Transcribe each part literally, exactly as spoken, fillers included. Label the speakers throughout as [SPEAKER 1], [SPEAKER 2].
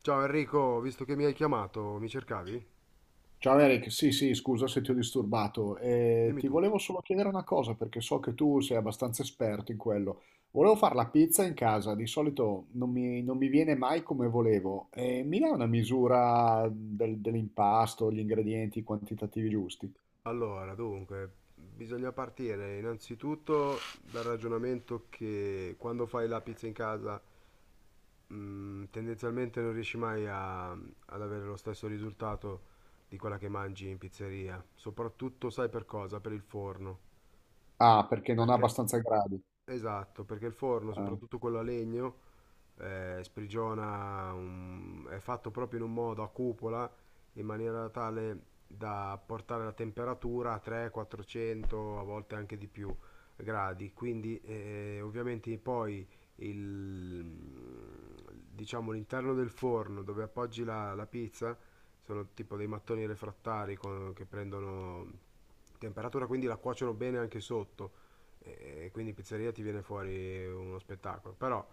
[SPEAKER 1] Ciao Enrico, visto che mi hai chiamato, mi cercavi?
[SPEAKER 2] Ciao Eric, sì sì, scusa se ti ho disturbato. Eh,
[SPEAKER 1] Dimmi
[SPEAKER 2] ti
[SPEAKER 1] tutto.
[SPEAKER 2] volevo solo chiedere una cosa perché so che tu sei abbastanza esperto in quello. Volevo fare la pizza in casa, di solito non mi, non mi viene mai come volevo. Eh, mi dai una misura del- dell'impasto, gli ingredienti, i quantitativi giusti?
[SPEAKER 1] Allora, dunque, bisogna partire innanzitutto dal ragionamento che quando fai la pizza in casa, mh, tendenzialmente non riesci mai a- ad avere lo stesso risultato di quella che mangi in pizzeria. Soprattutto, sai per cosa? Per il forno.
[SPEAKER 2] Ah, perché non ha
[SPEAKER 1] Perché?
[SPEAKER 2] abbastanza gradi.
[SPEAKER 1] Esatto, perché il forno,
[SPEAKER 2] Ah.
[SPEAKER 1] soprattutto quello a legno, eh, sprigiona, un- è fatto proprio in un modo a cupola in maniera tale da portare la temperatura a trecento quattrocento, a volte anche di più gradi. Quindi eh, ovviamente poi il, diciamo, l'interno del forno dove appoggi la, la pizza sono tipo dei mattoni refrattari con- che prendono temperatura, quindi la cuociono bene anche sotto e quindi pizzeria ti viene fuori uno spettacolo. Però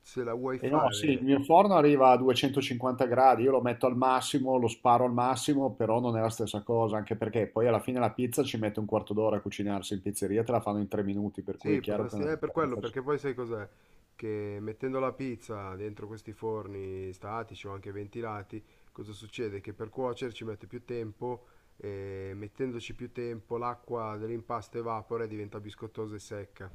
[SPEAKER 1] se la vuoi
[SPEAKER 2] E no, sì, il
[SPEAKER 1] fare,
[SPEAKER 2] mio forno arriva a duecentocinquanta gradi, io lo metto al massimo, lo sparo al massimo, però non è la stessa cosa, anche perché poi alla fine la pizza ci mette un quarto d'ora a cucinarsi, in pizzeria te la fanno in tre minuti, per cui
[SPEAKER 1] sì,
[SPEAKER 2] è chiaro che è
[SPEAKER 1] potresti,
[SPEAKER 2] una
[SPEAKER 1] eh, per quello,
[SPEAKER 2] differenza. C'è.
[SPEAKER 1] perché poi sai cos'è? Che mettendo la pizza dentro questi forni statici o anche ventilati, cosa succede? Che per cuocere ci mette più tempo e mettendoci più tempo l'acqua dell'impasto evapora e diventa biscottosa e secca.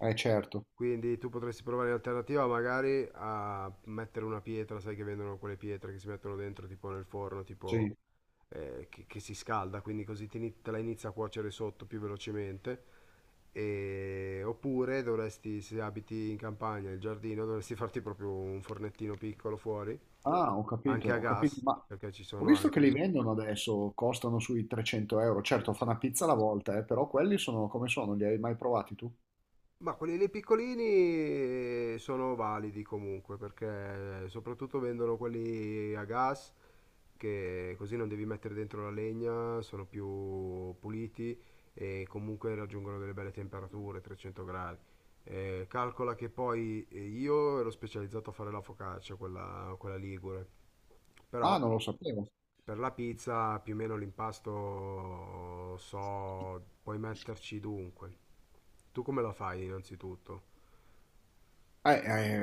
[SPEAKER 2] Eh certo,
[SPEAKER 1] Quindi tu potresti provare in alternativa magari a mettere una pietra, sai che vendono quelle pietre che si mettono dentro tipo nel forno, tipo
[SPEAKER 2] sì.
[SPEAKER 1] eh, che, che si scalda, quindi così te, ni- te la inizia a cuocere sotto più velocemente. E- oppure dovresti, se abiti in campagna, il giardino, dovresti farti proprio un fornettino piccolo fuori,
[SPEAKER 2] Ah, ho capito,
[SPEAKER 1] anche a
[SPEAKER 2] ho capito,
[SPEAKER 1] gas,
[SPEAKER 2] ma
[SPEAKER 1] perché ci
[SPEAKER 2] ho
[SPEAKER 1] sono
[SPEAKER 2] visto che
[SPEAKER 1] anche
[SPEAKER 2] li
[SPEAKER 1] adesso.
[SPEAKER 2] vendono adesso, costano sui trecento euro,
[SPEAKER 1] Sì,
[SPEAKER 2] certo fa
[SPEAKER 1] sì.
[SPEAKER 2] una pizza alla volta, eh, però quelli sono come sono, li hai mai provati tu?
[SPEAKER 1] Ma quelli lì piccolini eh, sono validi comunque perché eh, soprattutto vendono quelli a gas che così non devi mettere dentro la legna, sono più puliti e comunque raggiungono delle belle temperature, trecento gradi. Eh, calcola che poi eh, io ero specializzato a fare la focaccia, quella, quella ligure, però
[SPEAKER 2] Ah, non lo sapevo.
[SPEAKER 1] per la pizza più o meno l'impasto so, puoi metterci dunque. Tu come la fai innanzitutto?
[SPEAKER 2] Eh,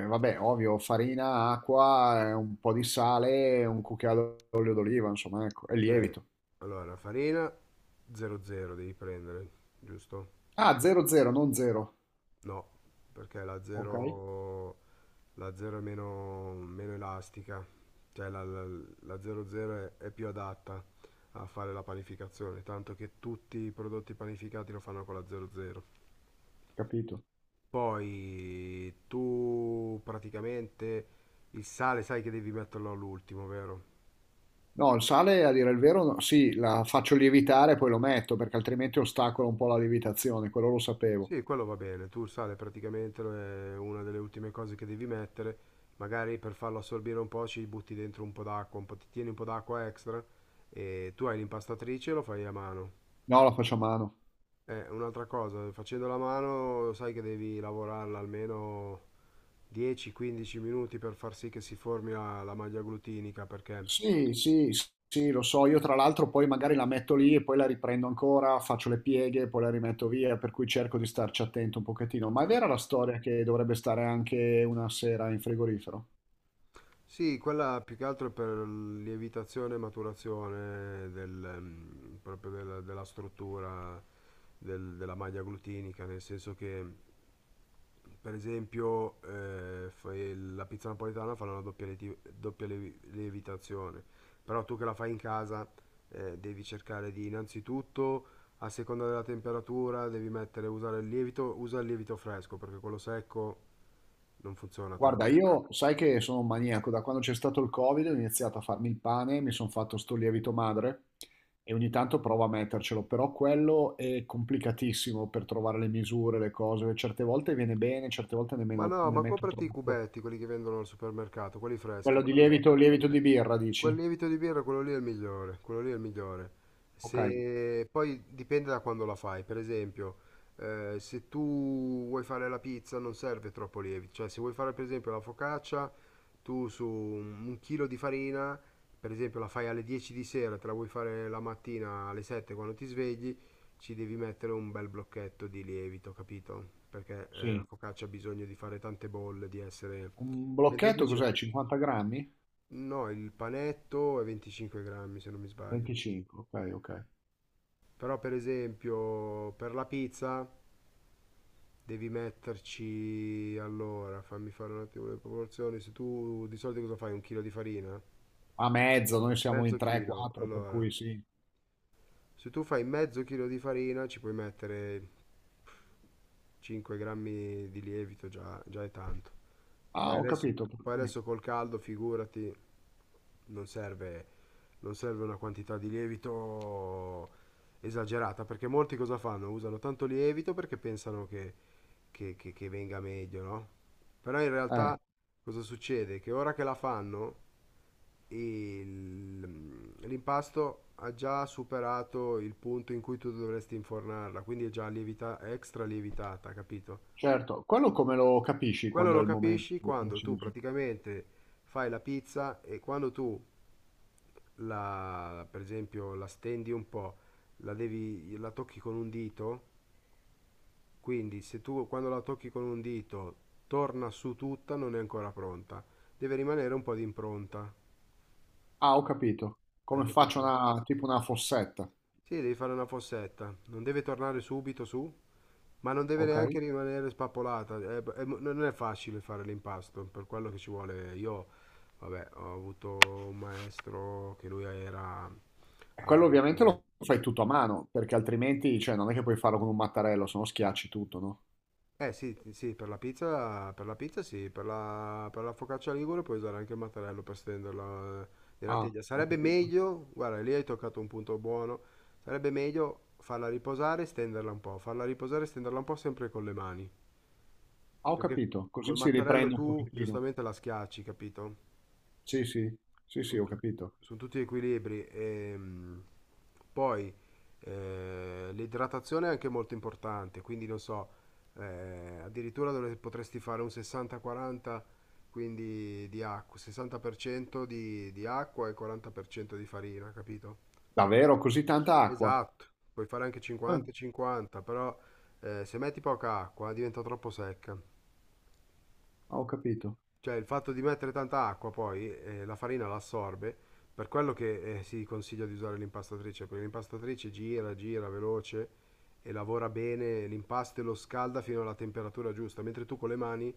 [SPEAKER 2] eh, vabbè, ovvio, farina, acqua, eh, un po' di sale, un cucchiaio d'olio d'oliva, insomma, ecco, e
[SPEAKER 1] Ok,
[SPEAKER 2] lievito.
[SPEAKER 1] allora farina doppio zero devi prendere, giusto?
[SPEAKER 2] Ah, zero zero, non zero.
[SPEAKER 1] No, perché la
[SPEAKER 2] Ok,
[SPEAKER 1] 0 la zero è meno, meno elastica, cioè la, la, la doppio zero è, è più adatta a fare la panificazione, tanto che tutti i prodotti panificati lo fanno con la doppio zero.
[SPEAKER 2] capito.
[SPEAKER 1] Poi tu praticamente il sale sai che devi metterlo all'ultimo, vero?
[SPEAKER 2] No, il sale, a dire il vero, no, sì, la faccio lievitare e poi lo metto, perché altrimenti ostacola un po' la lievitazione, quello lo sapevo.
[SPEAKER 1] Sì, quello va bene. Tu il sale praticamente lo- è una delle ultime cose che devi mettere. Magari per farlo assorbire un po' ci butti dentro un po' d'acqua, un po', ti tieni un po' d'acqua extra e tu hai l'impastatrice e lo fai a mano.
[SPEAKER 2] No, la faccio a mano.
[SPEAKER 1] Eh, un'altra cosa, facendo la mano sai che devi lavorarla almeno dieci quindici minuti per far sì che si formi la, la maglia glutinica perché.
[SPEAKER 2] Sì, sì, s- sì, lo so. Io tra l'altro poi magari la metto lì e poi la riprendo ancora, faccio le pieghe, poi la rimetto via, per cui cerco di starci attento un pochettino. Ma è vera la storia che dovrebbe stare anche una sera in frigorifero?
[SPEAKER 1] Sì, quella più che altro è per lievitazione e maturazione del, mm, proprio della, della struttura del- della maglia glutinica, nel senso che, per esempio, eh, fai- la pizza napoletana fa una doppia, lieti- doppia lievi- lievitazione, però tu che la fai in casa, eh, devi cercare di innanzitutto, a seconda della temperatura, devi mettere, usare il lievito, usa il lievito fresco, perché quello secco non funziona tanto.
[SPEAKER 2] Guarda, io sai che sono un maniaco, da quando c'è stato il Covid ho iniziato a farmi il pane, mi sono fatto sto lievito madre e ogni tanto provo a mettercelo, però quello è complicatissimo per trovare le misure, le cose, certe volte viene bene, certe volte
[SPEAKER 1] Ma
[SPEAKER 2] nemmeno
[SPEAKER 1] no,
[SPEAKER 2] ne
[SPEAKER 1] ma
[SPEAKER 2] metto
[SPEAKER 1] comprati i
[SPEAKER 2] troppo.
[SPEAKER 1] cubetti, quelli che vendono al supermercato, quelli freschi.
[SPEAKER 2] Quello di
[SPEAKER 1] quel-
[SPEAKER 2] lievito, lievito di birra,
[SPEAKER 1] Quel
[SPEAKER 2] dici?
[SPEAKER 1] lievito di birra, quello lì è il migliore, quello lì è il migliore.
[SPEAKER 2] Ok,
[SPEAKER 1] Se poi dipende da quando la fai, per esempio, eh, se tu vuoi fare la pizza non serve troppo lievito, cioè se vuoi fare per esempio la focaccia, tu su un un chilo di farina, per esempio la fai alle dieci di sera, te la vuoi fare la mattina alle sette quando ti svegli, ci devi mettere un bel blocchetto di lievito, capito? Perché eh, la
[SPEAKER 2] sì.
[SPEAKER 1] focaccia ha bisogno di fare tante bolle, di essere.
[SPEAKER 2] Un
[SPEAKER 1] Mentre
[SPEAKER 2] blocchetto
[SPEAKER 1] invece.
[SPEAKER 2] cos'è? cinquanta grammi?
[SPEAKER 1] No, il panetto è venticinque grammi se non mi sbaglio.
[SPEAKER 2] venticinque, ok, ok.
[SPEAKER 1] Però per esempio per la pizza devi metterci, allora fammi fare un attimo le proporzioni, se tu di solito cosa fai? Un chilo di farina?
[SPEAKER 2] A mezzo, noi siamo in
[SPEAKER 1] Mezzo chilo,
[SPEAKER 2] tre quattro, per
[SPEAKER 1] allora.
[SPEAKER 2] cui sì.
[SPEAKER 1] Se tu fai mezzo chilo di farina ci puoi mettere cinque grammi di lievito, già, già è tanto.
[SPEAKER 2] Ah,
[SPEAKER 1] Poi
[SPEAKER 2] ho
[SPEAKER 1] adesso,
[SPEAKER 2] capito. per
[SPEAKER 1] poi
[SPEAKER 2] cui-
[SPEAKER 1] adesso col caldo, figurati, non serve non serve una quantità di lievito esagerata, perché molti cosa fanno? Usano tanto lievito perché pensano che, che- che- che venga meglio, no? Però in
[SPEAKER 2] Eh,
[SPEAKER 1] realtà cosa succede? Che ora che la fanno, il- l'impasto ha già superato il punto in cui tu dovresti infornarla, quindi è già lievita- extra lievitata, capito?
[SPEAKER 2] certo. Quello come lo capisci
[SPEAKER 1] Quello
[SPEAKER 2] quando è
[SPEAKER 1] lo
[SPEAKER 2] il
[SPEAKER 1] capisci
[SPEAKER 2] momento
[SPEAKER 1] quando tu
[SPEAKER 2] preciso?
[SPEAKER 1] praticamente fai la pizza e quando tu la, per esempio, la stendi un po', la devi, la tocchi con un dito, quindi se tu quando la tocchi con un dito torna su tutta, non è ancora pronta. Deve rimanere un po' di impronta,
[SPEAKER 2] Ah, ho capito.
[SPEAKER 1] hai
[SPEAKER 2] Come faccio
[SPEAKER 1] capito?
[SPEAKER 2] una, tipo una fossetta,
[SPEAKER 1] Sì, devi fare una fossetta, non deve tornare subito su. Ma non deve
[SPEAKER 2] ok?
[SPEAKER 1] neanche rimanere spappolata, è- è- non è facile fare l'impasto, per quello che ci vuole. Io, vabbè, ho avuto un maestro che lui era,
[SPEAKER 2] E
[SPEAKER 1] ha
[SPEAKER 2] quello ovviamente
[SPEAKER 1] lavorato.
[SPEAKER 2] lo fai tutto a mano, perché altrimenti, cioè, non è che puoi farlo con un mattarello, se no schiacci tutto, no?
[SPEAKER 1] Eh sì, sì, per la pizza, per la pizza sì, per la, per la focaccia ligure puoi usare anche il mattarello per stenderla eh, nella
[SPEAKER 2] Ah,
[SPEAKER 1] teglia.
[SPEAKER 2] ho
[SPEAKER 1] Sarebbe
[SPEAKER 2] capito.
[SPEAKER 1] meglio, guarda, lì hai toccato un punto buono, sarebbe meglio farla riposare e stenderla un po', farla riposare e stenderla un po' sempre con le mani,
[SPEAKER 2] Ah, ho
[SPEAKER 1] perché
[SPEAKER 2] capito.
[SPEAKER 1] col
[SPEAKER 2] Così si
[SPEAKER 1] mattarello
[SPEAKER 2] riprende un
[SPEAKER 1] tu
[SPEAKER 2] pochettino.
[SPEAKER 1] giustamente la schiacci, capito?
[SPEAKER 2] Sì, sì. Sì, sì,
[SPEAKER 1] Sono
[SPEAKER 2] ho
[SPEAKER 1] tu-
[SPEAKER 2] capito.
[SPEAKER 1] sono tutti equilibri. ehm, poi eh, l'idratazione è anche molto importante, quindi non so, eh, addirittura dove potresti fare un sessanta quaranta, quindi di acqua, sessanta per cento di, di acqua e quaranta per cento di farina, capito?
[SPEAKER 2] Davvero così tanta acqua?
[SPEAKER 1] Esatto, puoi fare anche
[SPEAKER 2] Eh,
[SPEAKER 1] cinquanta e cinquanta, però eh, se metti poca acqua eh, diventa troppo secca.
[SPEAKER 2] ho capito.
[SPEAKER 1] Cioè il fatto di mettere tanta acqua poi eh, la farina la assorbe, per quello che eh, si consiglia di usare l'impastatrice, perché l'impastatrice gira, gira veloce e lavora bene l'impasto e lo scalda fino alla temperatura giusta, mentre tu con le mani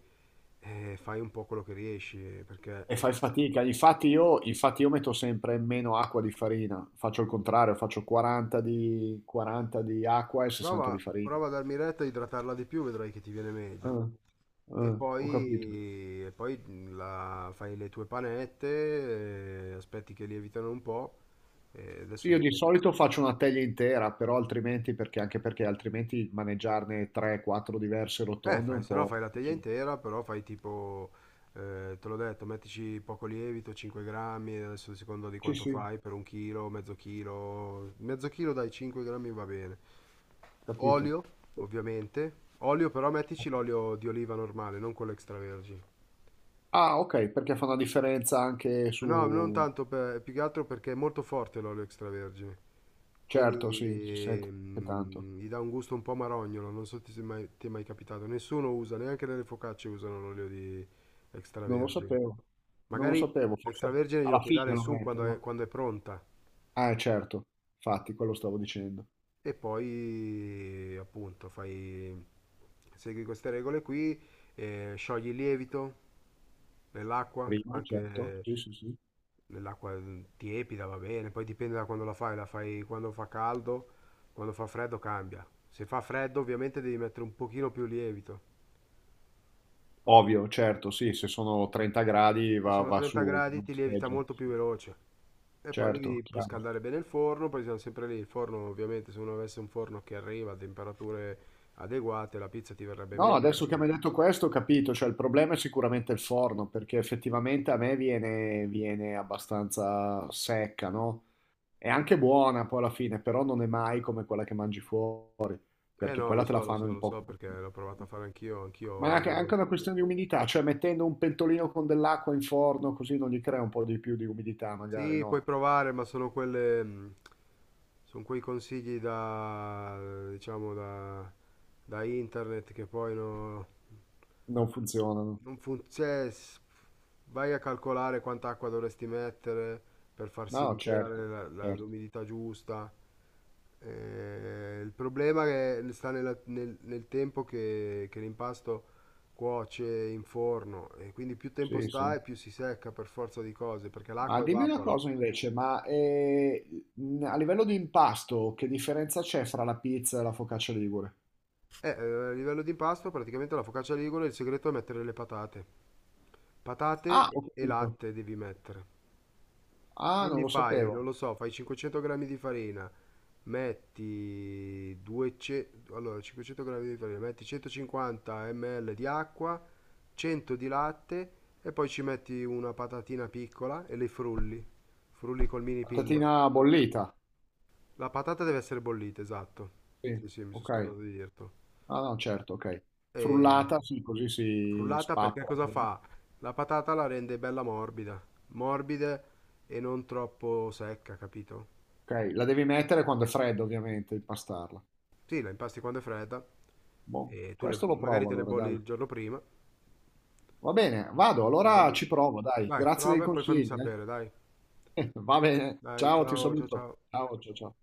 [SPEAKER 1] eh, fai un po' quello che riesci, eh, perché
[SPEAKER 2] E fai
[SPEAKER 1] eh,
[SPEAKER 2] fatica. Infatti io, infatti io metto sempre meno acqua di farina. Faccio il contrario, faccio quaranta di, quaranta di acqua e sessanta di
[SPEAKER 1] prova,
[SPEAKER 2] farina.
[SPEAKER 1] prova a darmi retta a idratarla di più, vedrai che ti viene meglio.
[SPEAKER 2] Eh,
[SPEAKER 1] E
[SPEAKER 2] eh, ho capito.
[SPEAKER 1] poi, e poi la- fai le tue panette, eh, aspetti che lievitano un po', e
[SPEAKER 2] Sì,
[SPEAKER 1] adesso
[SPEAKER 2] io di
[SPEAKER 1] dipende.
[SPEAKER 2] solito faccio una teglia intera, però altrimenti, perché anche perché altrimenti maneggiarne tre quattro diverse
[SPEAKER 1] Eh,
[SPEAKER 2] rotonde è
[SPEAKER 1] fai,
[SPEAKER 2] un
[SPEAKER 1] se no
[SPEAKER 2] po'
[SPEAKER 1] fai la teglia
[SPEAKER 2] così.
[SPEAKER 1] intera, però fai tipo, eh, te l'ho detto, mettici poco lievito, cinque grammi, adesso secondo di
[SPEAKER 2] Sì,
[SPEAKER 1] quanto
[SPEAKER 2] sì,
[SPEAKER 1] fai, per un chilo, mezzo chilo, mezzo chilo dai cinque grammi va bene.
[SPEAKER 2] capito.
[SPEAKER 1] Olio, ovviamente. Olio però mettici l'olio di oliva normale, non quello extravergine.
[SPEAKER 2] Ah, ok, perché fa una differenza anche
[SPEAKER 1] No, non
[SPEAKER 2] su.
[SPEAKER 1] tanto per, più che altro perché è molto forte l'olio extravergine,
[SPEAKER 2] Certo, sì, si
[SPEAKER 1] quindi
[SPEAKER 2] sente tanto.
[SPEAKER 1] mm, gli dà un gusto un po' marognolo, non so se ti è mai, ti è mai capitato, nessuno usa, neanche nelle focacce usano l'olio di
[SPEAKER 2] Non lo
[SPEAKER 1] extravergine.
[SPEAKER 2] sapevo, non lo
[SPEAKER 1] Magari
[SPEAKER 2] sapevo, forse
[SPEAKER 1] l'extravergine glielo
[SPEAKER 2] alla
[SPEAKER 1] puoi dare
[SPEAKER 2] fine lo
[SPEAKER 1] su quando è,
[SPEAKER 2] mettono.
[SPEAKER 1] quando è pronta
[SPEAKER 2] Ah, certo, infatti, quello stavo dicendo.
[SPEAKER 1] e poi appunto fai, segui queste regole qui, eh, sciogli il lievito nell'acqua,
[SPEAKER 2] Prima, certo,
[SPEAKER 1] anche
[SPEAKER 2] sì, sì, sì.
[SPEAKER 1] nell'acqua mm, tiepida va bene, poi dipende da quando la fai, la fai quando fa caldo, quando fa freddo cambia. Se fa freddo ovviamente devi mettere un pochino più lievito,
[SPEAKER 2] Ovvio, certo, sì, se sono trenta gradi
[SPEAKER 1] e se
[SPEAKER 2] va,
[SPEAKER 1] no
[SPEAKER 2] va su
[SPEAKER 1] trenta gradi
[SPEAKER 2] una
[SPEAKER 1] ti lievita
[SPEAKER 2] scheggia.
[SPEAKER 1] molto più veloce. E poi
[SPEAKER 2] Certo,
[SPEAKER 1] devi poi
[SPEAKER 2] chiaro.
[SPEAKER 1] scaldare bene il forno, poi siamo sempre lì, il forno ovviamente se uno avesse un forno che arriva a temperature adeguate la pizza ti verrebbe
[SPEAKER 2] No,
[SPEAKER 1] meglio
[SPEAKER 2] adesso che
[SPEAKER 1] perché.
[SPEAKER 2] mi hai detto questo ho capito, cioè il problema è sicuramente il forno, perché effettivamente a me viene, viene abbastanza secca, no? È anche buona poi alla fine, però non è mai come quella che mangi fuori,
[SPEAKER 1] Eh
[SPEAKER 2] perché
[SPEAKER 1] no,
[SPEAKER 2] quella
[SPEAKER 1] lo
[SPEAKER 2] te la
[SPEAKER 1] so, lo
[SPEAKER 2] fanno
[SPEAKER 1] so,
[SPEAKER 2] in
[SPEAKER 1] lo
[SPEAKER 2] poco.
[SPEAKER 1] so perché l'ho provato a fare anch'io,
[SPEAKER 2] Ma
[SPEAKER 1] anch'io.
[SPEAKER 2] anche anche una questione di umidità, cioè mettendo un pentolino con dell'acqua in forno così non gli crea un po' di più di umidità, magari
[SPEAKER 1] Sì, puoi
[SPEAKER 2] no,
[SPEAKER 1] provare, ma sono quelle, mh, sono quei consigli da, diciamo, da, da internet che poi no-
[SPEAKER 2] non funzionano.
[SPEAKER 1] non funziona. Vai a calcolare quanta acqua dovresti mettere per far sì
[SPEAKER 2] No,
[SPEAKER 1] di creare
[SPEAKER 2] certo,
[SPEAKER 1] la- la-
[SPEAKER 2] certo,
[SPEAKER 1] l'umidità giusta. Eh, il problema che sta nella- nel, nel tempo che, che, l'impasto cuoce in forno e quindi più tempo
[SPEAKER 2] sì,
[SPEAKER 1] sta
[SPEAKER 2] sì.
[SPEAKER 1] e più si secca per forza di cose, perché
[SPEAKER 2] Ma
[SPEAKER 1] l'acqua
[SPEAKER 2] dimmi una
[SPEAKER 1] evapora.
[SPEAKER 2] cosa invece, ma eh, mh, a livello di impasto, che differenza c'è fra la pizza e la focaccia ligure?
[SPEAKER 1] Eh, eh, a livello di impasto, praticamente la focaccia ligure, il segreto è mettere le patate. Patate
[SPEAKER 2] Ah, ho
[SPEAKER 1] e e
[SPEAKER 2] capito.
[SPEAKER 1] latte devi mettere.
[SPEAKER 2] Ah, non
[SPEAKER 1] Quindi
[SPEAKER 2] lo
[SPEAKER 1] fai, non
[SPEAKER 2] sapevo.
[SPEAKER 1] lo so, fai cinquecento grammi di farina, metti duecento, allora, cinquecento grammi di farina, metti centocinquanta millilitri di acqua, cento di latte e poi ci metti una patatina piccola e le frulli. Frulli col mini pinner.
[SPEAKER 2] Patatina bollita.
[SPEAKER 1] La patata deve essere bollita, esatto.
[SPEAKER 2] Sì,
[SPEAKER 1] Sì, sì, mi sono
[SPEAKER 2] ok.
[SPEAKER 1] scordato di dirtelo.
[SPEAKER 2] Ah, no, certo, ok.
[SPEAKER 1] E
[SPEAKER 2] Frullata, sì, così si
[SPEAKER 1] frullata perché
[SPEAKER 2] spappola.
[SPEAKER 1] cosa fa? La patata la rende bella morbida, morbida e non troppo secca, capito?
[SPEAKER 2] Ok, la devi mettere quando è fredda, ovviamente, impastarla.
[SPEAKER 1] Sì, la impasti quando è fredda
[SPEAKER 2] Boh,
[SPEAKER 1] e tu le,
[SPEAKER 2] questo lo
[SPEAKER 1] magari
[SPEAKER 2] provo
[SPEAKER 1] te le
[SPEAKER 2] allora,
[SPEAKER 1] bolli
[SPEAKER 2] dai.
[SPEAKER 1] il giorno prima.
[SPEAKER 2] Va bene, vado,
[SPEAKER 1] le
[SPEAKER 2] allora ci
[SPEAKER 1] bolli-
[SPEAKER 2] provo, dai.
[SPEAKER 1] Dai,
[SPEAKER 2] Grazie dei
[SPEAKER 1] prova e poi fammi
[SPEAKER 2] consigli,
[SPEAKER 1] sapere, dai.
[SPEAKER 2] eh. Va bene,
[SPEAKER 1] Dai,
[SPEAKER 2] ciao, ti
[SPEAKER 1] ciao, ciao,
[SPEAKER 2] saluto.
[SPEAKER 1] ciao.
[SPEAKER 2] Ciao, ciao, ciao.